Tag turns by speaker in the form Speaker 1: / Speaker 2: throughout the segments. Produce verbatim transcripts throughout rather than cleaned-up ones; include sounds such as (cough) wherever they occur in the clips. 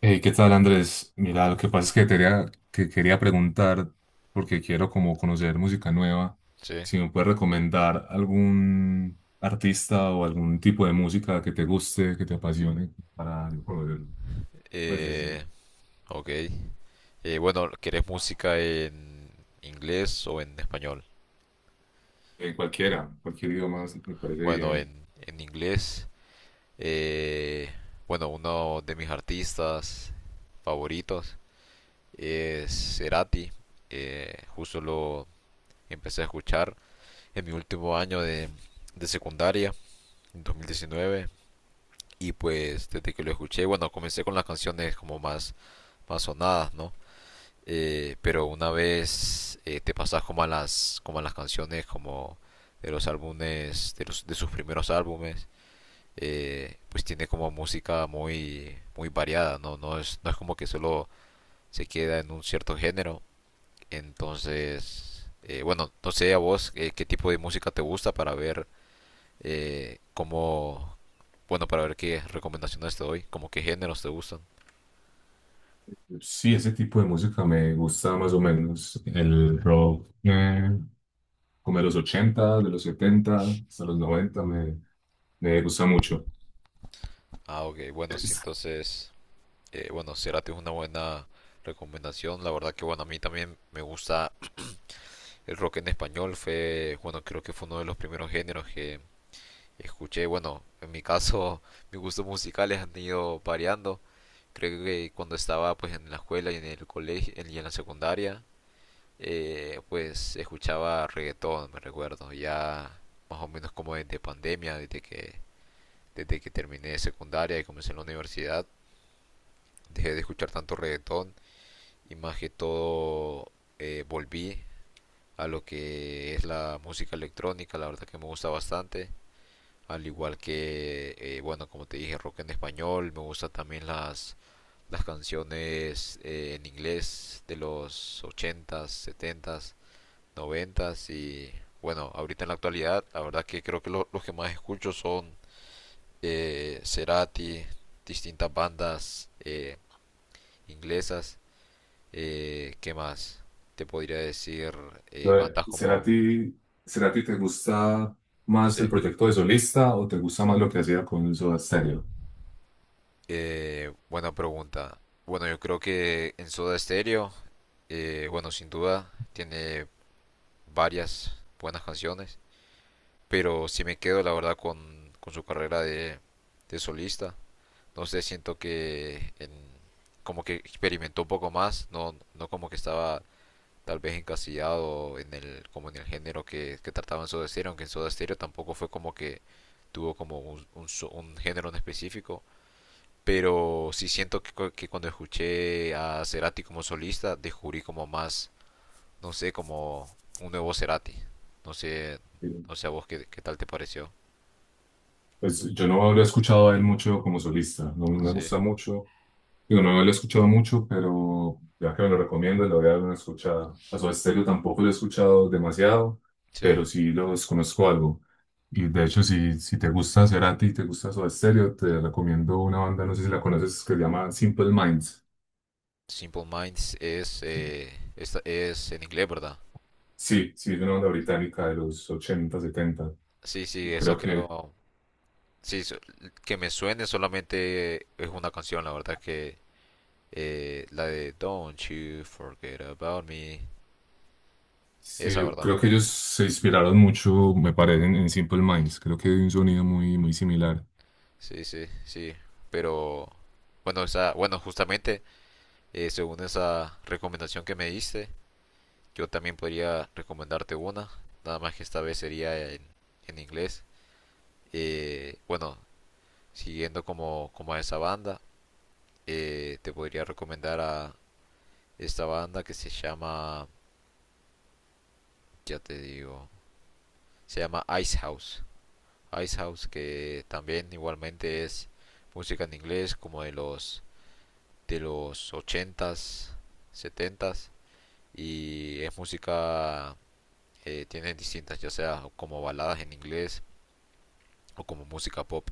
Speaker 1: Hey, ¿qué tal, Andrés? Mira, lo que pasa es que, quería, que quería preguntar, porque quiero como conocer música nueva,
Speaker 2: Sí.
Speaker 1: si me puedes recomendar algún artista o algún tipo de música que te guste, que te apasione, para yo conocerlo. Pues decir,
Speaker 2: Eh, ok. Eh, bueno, ¿querés música en inglés o en español?
Speaker 1: eh, cualquiera, cualquier idioma me parece
Speaker 2: Bueno,
Speaker 1: bien.
Speaker 2: en, en inglés, eh, bueno, uno de mis artistas favoritos es Cerati. Eh, justo lo empecé a escuchar en mi último año de, de secundaria, en dos mil diecinueve. Y pues desde que lo escuché, bueno, comencé con las canciones como más, más sonadas, ¿no? Eh, pero una vez eh, te pasas como a las como a las canciones como de los álbumes de, los, de sus primeros álbumes, eh, pues tiene como música muy muy variada. No no es no es como que solo se queda en un cierto género. Entonces, eh, bueno, no sé a vos, eh, qué tipo de música te gusta, para ver eh, cómo, bueno, para ver qué recomendaciones te doy, como qué géneros te gustan.
Speaker 1: Sí, ese tipo de música me gusta más o menos. El rock, eh, como de los ochenta, de los setenta, hasta los noventa me, me gusta mucho.
Speaker 2: Ah, ok, bueno, sí,
Speaker 1: (laughs)
Speaker 2: entonces, Eh, bueno, Cerati es una buena recomendación. La verdad que bueno, a mí también me gusta el rock en español. Fue, bueno, creo que fue uno de los primeros géneros que escuché. Bueno, en mi caso, (laughs) mis gustos musicales han ido variando. Creo que cuando estaba pues en la escuela y en el colegio y en la secundaria, eh, pues escuchaba reggaetón, me recuerdo. Ya más o menos como desde pandemia, desde que desde que terminé secundaria y comencé en la universidad, dejé de escuchar tanto reggaetón y más que todo, eh, volví a lo que es la música electrónica, la verdad que me gusta bastante, al igual que, eh, bueno, como te dije, rock en español. Me gusta también las, las canciones eh, en inglés de los ochentas, setentas, noventas. Y bueno, ahorita en la actualidad, la verdad que creo que lo- los que más escucho son eh, Cerati, distintas bandas eh, inglesas. Eh, ¿qué más? Te podría decir
Speaker 1: Lo
Speaker 2: eh,
Speaker 1: de-
Speaker 2: bandas como...
Speaker 1: Cerati, Cerati, ¿te gusta más
Speaker 2: Sí.
Speaker 1: el proyecto de solista o te gusta más lo que hacía con Soda Stereo?
Speaker 2: Eh, buena pregunta. Bueno, yo creo que en Soda Stereo, eh, bueno, sin duda, tiene varias buenas canciones, pero si me quedo, la verdad, con, con su carrera de, de solista, no sé, siento que en- como que experimentó un poco más. No, no como que estaba tal vez encasillado en el, como en el género que, que trataba en Soda Stereo, aunque en Soda Stereo tampoco fue como que tuvo como un, un, so, un género en específico. Pero sí siento que, que cuando escuché a Cerati como solista, descubrí como más, no sé, como un nuevo Cerati. No sé,
Speaker 1: Eh,
Speaker 2: no sé a vos qué, qué tal te pareció.
Speaker 1: Pues yo no lo he escuchado a él mucho como solista, no me
Speaker 2: Sí,
Speaker 1: gusta mucho. Digo, no lo he escuchado mucho, pero ya que me lo recomiendo, le voy a dar una escuchada. A Soda Stereo tampoco lo he escuchado demasiado,
Speaker 2: sí.
Speaker 1: pero sí los conozco algo. Y de hecho, si, si te gusta Cerati y te gusta Soda Stereo, te recomiendo una banda, no sé si la conoces, que se llama Simple Minds.
Speaker 2: Simple Minds es, eh, es, es en inglés, ¿verdad?
Speaker 1: Sí, sí, es una banda británica de los ochenta setenta.
Speaker 2: Sí, sí, esa
Speaker 1: Creo que,
Speaker 2: creo. Sí, so- que me suene solamente es una canción, la verdad que eh, la de Don't You Forget About Me,
Speaker 1: sí,
Speaker 2: esa,
Speaker 1: yo
Speaker 2: ¿verdad?
Speaker 1: creo que ellos se inspiraron mucho, me parece, en, en Simple Minds. Creo que hay un sonido muy, muy similar.
Speaker 2: Sí, sí, sí. Pero bueno, esa, bueno, justamente eh, según esa recomendación que me diste, yo también podría recomendarte una, nada más que esta vez sería en, en inglés. Eh, bueno, siguiendo como, como a esa banda, eh, te podría recomendar a esta banda que se llama, ya te digo, se llama Ice House. Ice House, que también igualmente es música en inglés como de los de los ochentas, setentas, y es música. Eh, tiene distintas, ya sea como baladas en inglés o como música pop,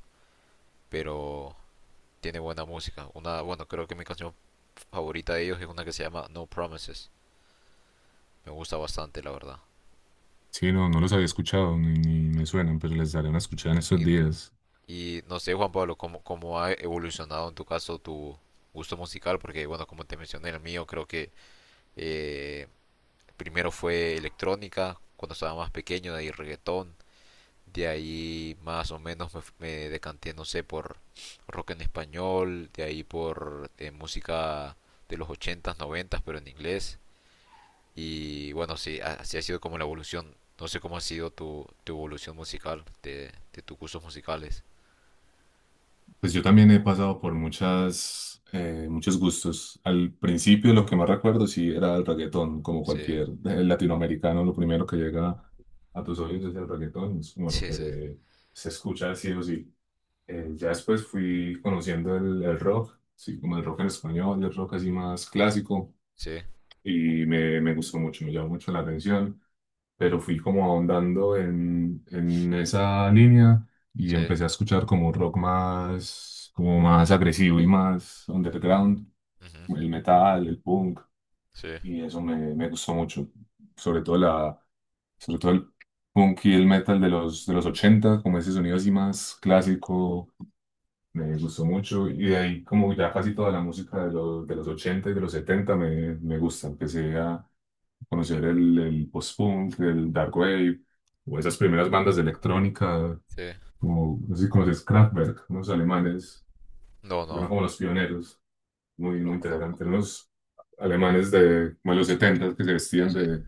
Speaker 2: pero tiene buena música. Una, bueno, creo que mi canción favorita de ellos es una que se llama No Promises. Me gusta bastante, la verdad.
Speaker 1: Sí, no, no los había escuchado, ni, ni me suenan, pero les daré una escuchada en estos
Speaker 2: Y,
Speaker 1: días.
Speaker 2: y no sé, Juan Pablo, ¿cómo, ¿cómo ha evolucionado en tu caso tu gusto musical? Porque, bueno, como te mencioné, el mío creo que eh, primero fue electrónica, cuando estaba más pequeño, de ahí reggaetón, de ahí más o menos me, me decanté, no sé, por rock en español, de ahí por eh, música de los ochentas, noventas, pero en inglés. Y bueno, sí, a- así ha sido como la evolución. No sé cómo ha sido tu, tu evolución musical, de, de tus cursos musicales.
Speaker 1: Pues yo también he pasado por muchas, eh, muchos gustos. Al principio lo que más recuerdo sí era el reggaetón, como
Speaker 2: Sí,
Speaker 1: cualquier eh, latinoamericano, lo primero que llega a tus oídos es el reggaetón, es como lo
Speaker 2: sí, sí,
Speaker 1: que se escucha sí o sí. Eh, ya después fui conociendo el, el rock, sí, como el rock en español, el rock así más clásico,
Speaker 2: sí,
Speaker 1: y me, me gustó mucho, me llamó mucho la atención, pero fui como ahondando en, en esa línea y
Speaker 2: sí,
Speaker 1: empecé a escuchar como un rock más, como más agresivo y más underground,
Speaker 2: ujú,
Speaker 1: el metal, el punk,
Speaker 2: sí,
Speaker 1: y eso me, me gustó mucho, sobre todo la, sobre todo el punk y el metal de los, de los ochenta como ese sonido así más clásico me gustó mucho y de ahí como ya casi toda la música de los, de los ochenta y de los setenta me, me gusta. Empecé a conocer el, el post-punk, el dark wave o esas primeras bandas de electrónica,
Speaker 2: sí.
Speaker 1: como no sé si conoces Kraftwerk, unos alemanes,
Speaker 2: No,
Speaker 1: que fueron
Speaker 2: no,
Speaker 1: como los pioneros, muy,
Speaker 2: no
Speaker 1: muy
Speaker 2: los conozco.
Speaker 1: interesantes, unos alemanes de, como de los setenta que se
Speaker 2: Sí,
Speaker 1: vestían
Speaker 2: sí.
Speaker 1: de,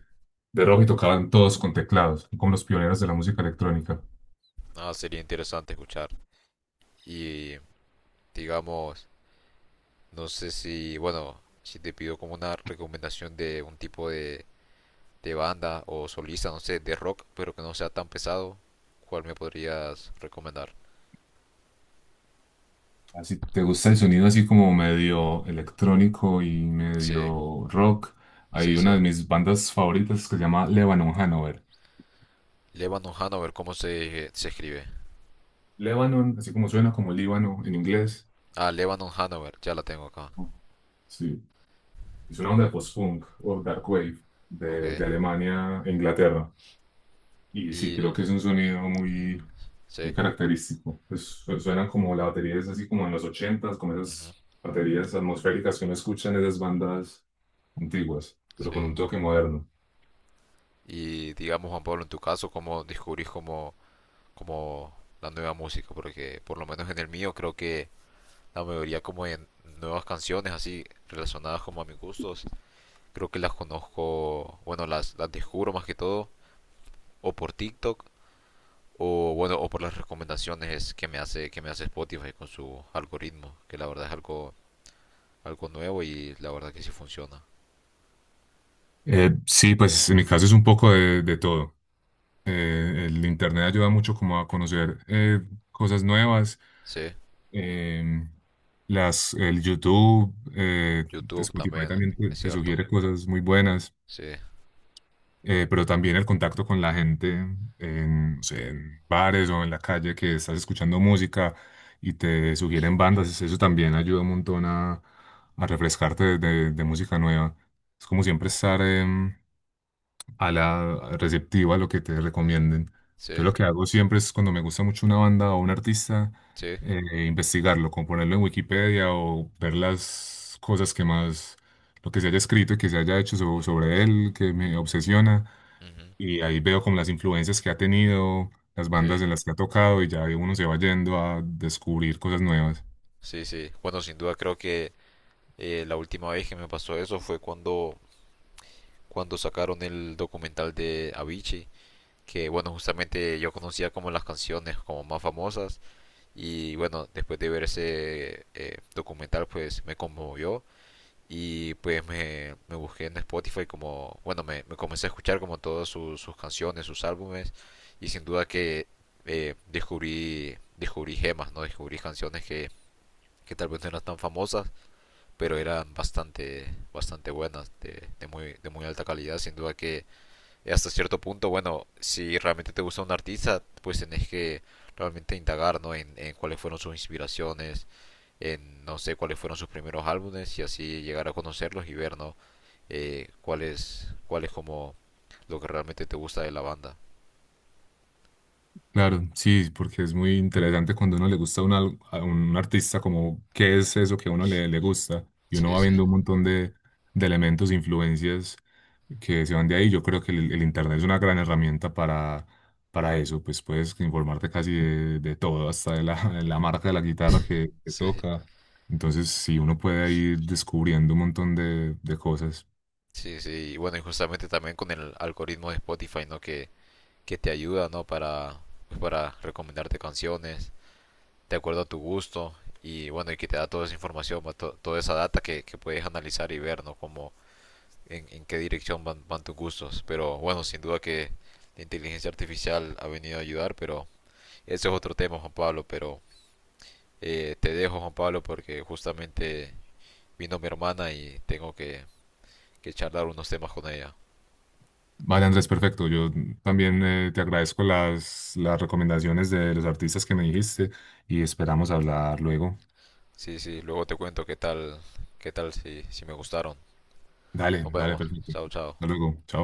Speaker 1: de rojo y tocaban todos con teclados, como los pioneros de la música electrónica.
Speaker 2: Ah, sería interesante escuchar. Y digamos... No sé si, bueno, si te pido como una recomendación de un tipo de, de banda o solista, no sé, de rock, pero que no sea tan pesado, ¿cuál me podrías recomendar?
Speaker 1: Si te gusta el sonido así como medio electrónico y
Speaker 2: Sí,
Speaker 1: medio rock, hay
Speaker 2: sí,
Speaker 1: una
Speaker 2: sí.
Speaker 1: de mis bandas favoritas que se llama Lebanon Hanover.
Speaker 2: Lebanon Hanover, ¿cómo se, se escribe?
Speaker 1: Lebanon, así como suena como Líbano en inglés.
Speaker 2: Ah, Lebanon Hanover, ya la tengo acá.
Speaker 1: Sí, es una onda de post-punk o dark wave
Speaker 2: Ok.
Speaker 1: de, de Alemania e Inglaterra. Y sí,
Speaker 2: Y,
Speaker 1: creo que es un sonido muy,
Speaker 2: sí,
Speaker 1: muy característico. Pues su- suenan como la batería es así como en los ochentas, como esas
Speaker 2: ujú,
Speaker 1: baterías atmosféricas que uno escucha en esas bandas antiguas, pero con
Speaker 2: sí.
Speaker 1: un toque moderno.
Speaker 2: Y digamos, Juan Pablo, en tu caso, ¿cómo descubrís como, como la nueva música? Porque por lo menos en el mío creo que la mayoría como en nuevas canciones así relacionadas como a mis gustos. Creo que las conozco, bueno, las, las descubro más que todo o por TikTok o bueno, o por las recomendaciones que me hace que me hace Spotify con su algoritmo, que la verdad es algo algo nuevo y la verdad que sí funciona.
Speaker 1: Eh, sí, pues en mi caso es un poco de, de todo. Eh, el internet ayuda mucho como a conocer eh, cosas nuevas.
Speaker 2: Sí,
Speaker 1: em, las, el YouTube, eh,
Speaker 2: YouTube
Speaker 1: Spotify
Speaker 2: también,
Speaker 1: también te,
Speaker 2: es
Speaker 1: te
Speaker 2: cierto.
Speaker 1: sugiere cosas muy buenas,
Speaker 2: Sí,
Speaker 1: eh, pero también el contacto con la gente en, no sé, en bares o en la calle que estás escuchando música y te sugieren bandas, eso también ayuda un montón a, a refrescarte de, de- de música nueva. Es como siempre estar em, a la receptiva, a lo que te recomienden.
Speaker 2: sí,
Speaker 1: Yo lo que hago siempre es cuando me gusta mucho una banda o un artista,
Speaker 2: sí.
Speaker 1: eh, investigarlo, como ponerlo en Wikipedia o ver las cosas que más, lo que se haya escrito y que se haya hecho so- sobre él, que me obsesiona.
Speaker 2: Ujú,
Speaker 1: Y ahí veo como las influencias que ha tenido, las
Speaker 2: sí,
Speaker 1: bandas en las que ha tocado y ya uno se va yendo a descubrir cosas nuevas.
Speaker 2: sí, sí. Bueno, sin duda creo que eh, la última vez que me pasó eso fue cuando cuando sacaron el documental de Avicii, que bueno, justamente yo conocía como las canciones como más famosas, y bueno, después de ver ese eh, documental, pues me conmovió y pues me, me busqué en Spotify como, bueno, me, me comencé a escuchar como todas sus, sus canciones, sus álbumes. Y sin duda que eh, descubrí, descubrí gemas, ¿no? Descubrí canciones que, que tal vez no eran tan famosas, pero eran bastante, bastante buenas, de, de muy, de muy alta calidad, sin duda que. Y hasta cierto punto, bueno, si realmente te gusta un artista, pues tenés que realmente indagar, ¿no? En, en cuáles fueron sus inspiraciones, en no sé cuáles fueron sus primeros álbumes, y así llegar a conocerlos y ver, ¿no? Eh, ¿cuál es, cuál es como lo que realmente te gusta de la banda?
Speaker 1: Claro, sí, porque es muy interesante cuando a uno le gusta una- a un artista, como qué es eso que a uno le, le gusta, y uno
Speaker 2: Sí,
Speaker 1: va
Speaker 2: sí,
Speaker 1: viendo un montón de, de elementos, influencias que se van de ahí. Yo creo que el, el Internet es una gran herramienta para, para eso, pues puedes informarte casi de, de todo, hasta de la, de la marca de la guitarra que, que
Speaker 2: sí,
Speaker 1: toca. Entonces, sí, uno puede ir descubriendo un montón de, de cosas.
Speaker 2: sí, sí. Y bueno, y justamente también con el algoritmo de Spotify, ¿no? Que, que te ayuda, ¿no? Para, pues, para recomendarte canciones de acuerdo a tu gusto, y bueno, y que te da toda esa información, va, to- toda esa data que, que puedes analizar y ver, ¿no? Como en, en qué dirección van, van tus gustos. Pero bueno, sin duda que la inteligencia artificial ha venido a ayudar, pero ese es otro tema, Juan Pablo. Pero eh, te dejo, Juan Pablo, porque justamente vino mi hermana y tengo que, que charlar unos temas con ella.
Speaker 1: Vale, Andrés, perfecto. Yo también eh, te agradezco las, las recomendaciones de los artistas que me dijiste y esperamos hablar luego.
Speaker 2: Sí, sí, luego te cuento qué tal, qué tal si, si me gustaron.
Speaker 1: Dale,
Speaker 2: Nos
Speaker 1: dale,
Speaker 2: vemos.
Speaker 1: perfecto.
Speaker 2: Chao, chao.
Speaker 1: Hasta luego. Chao.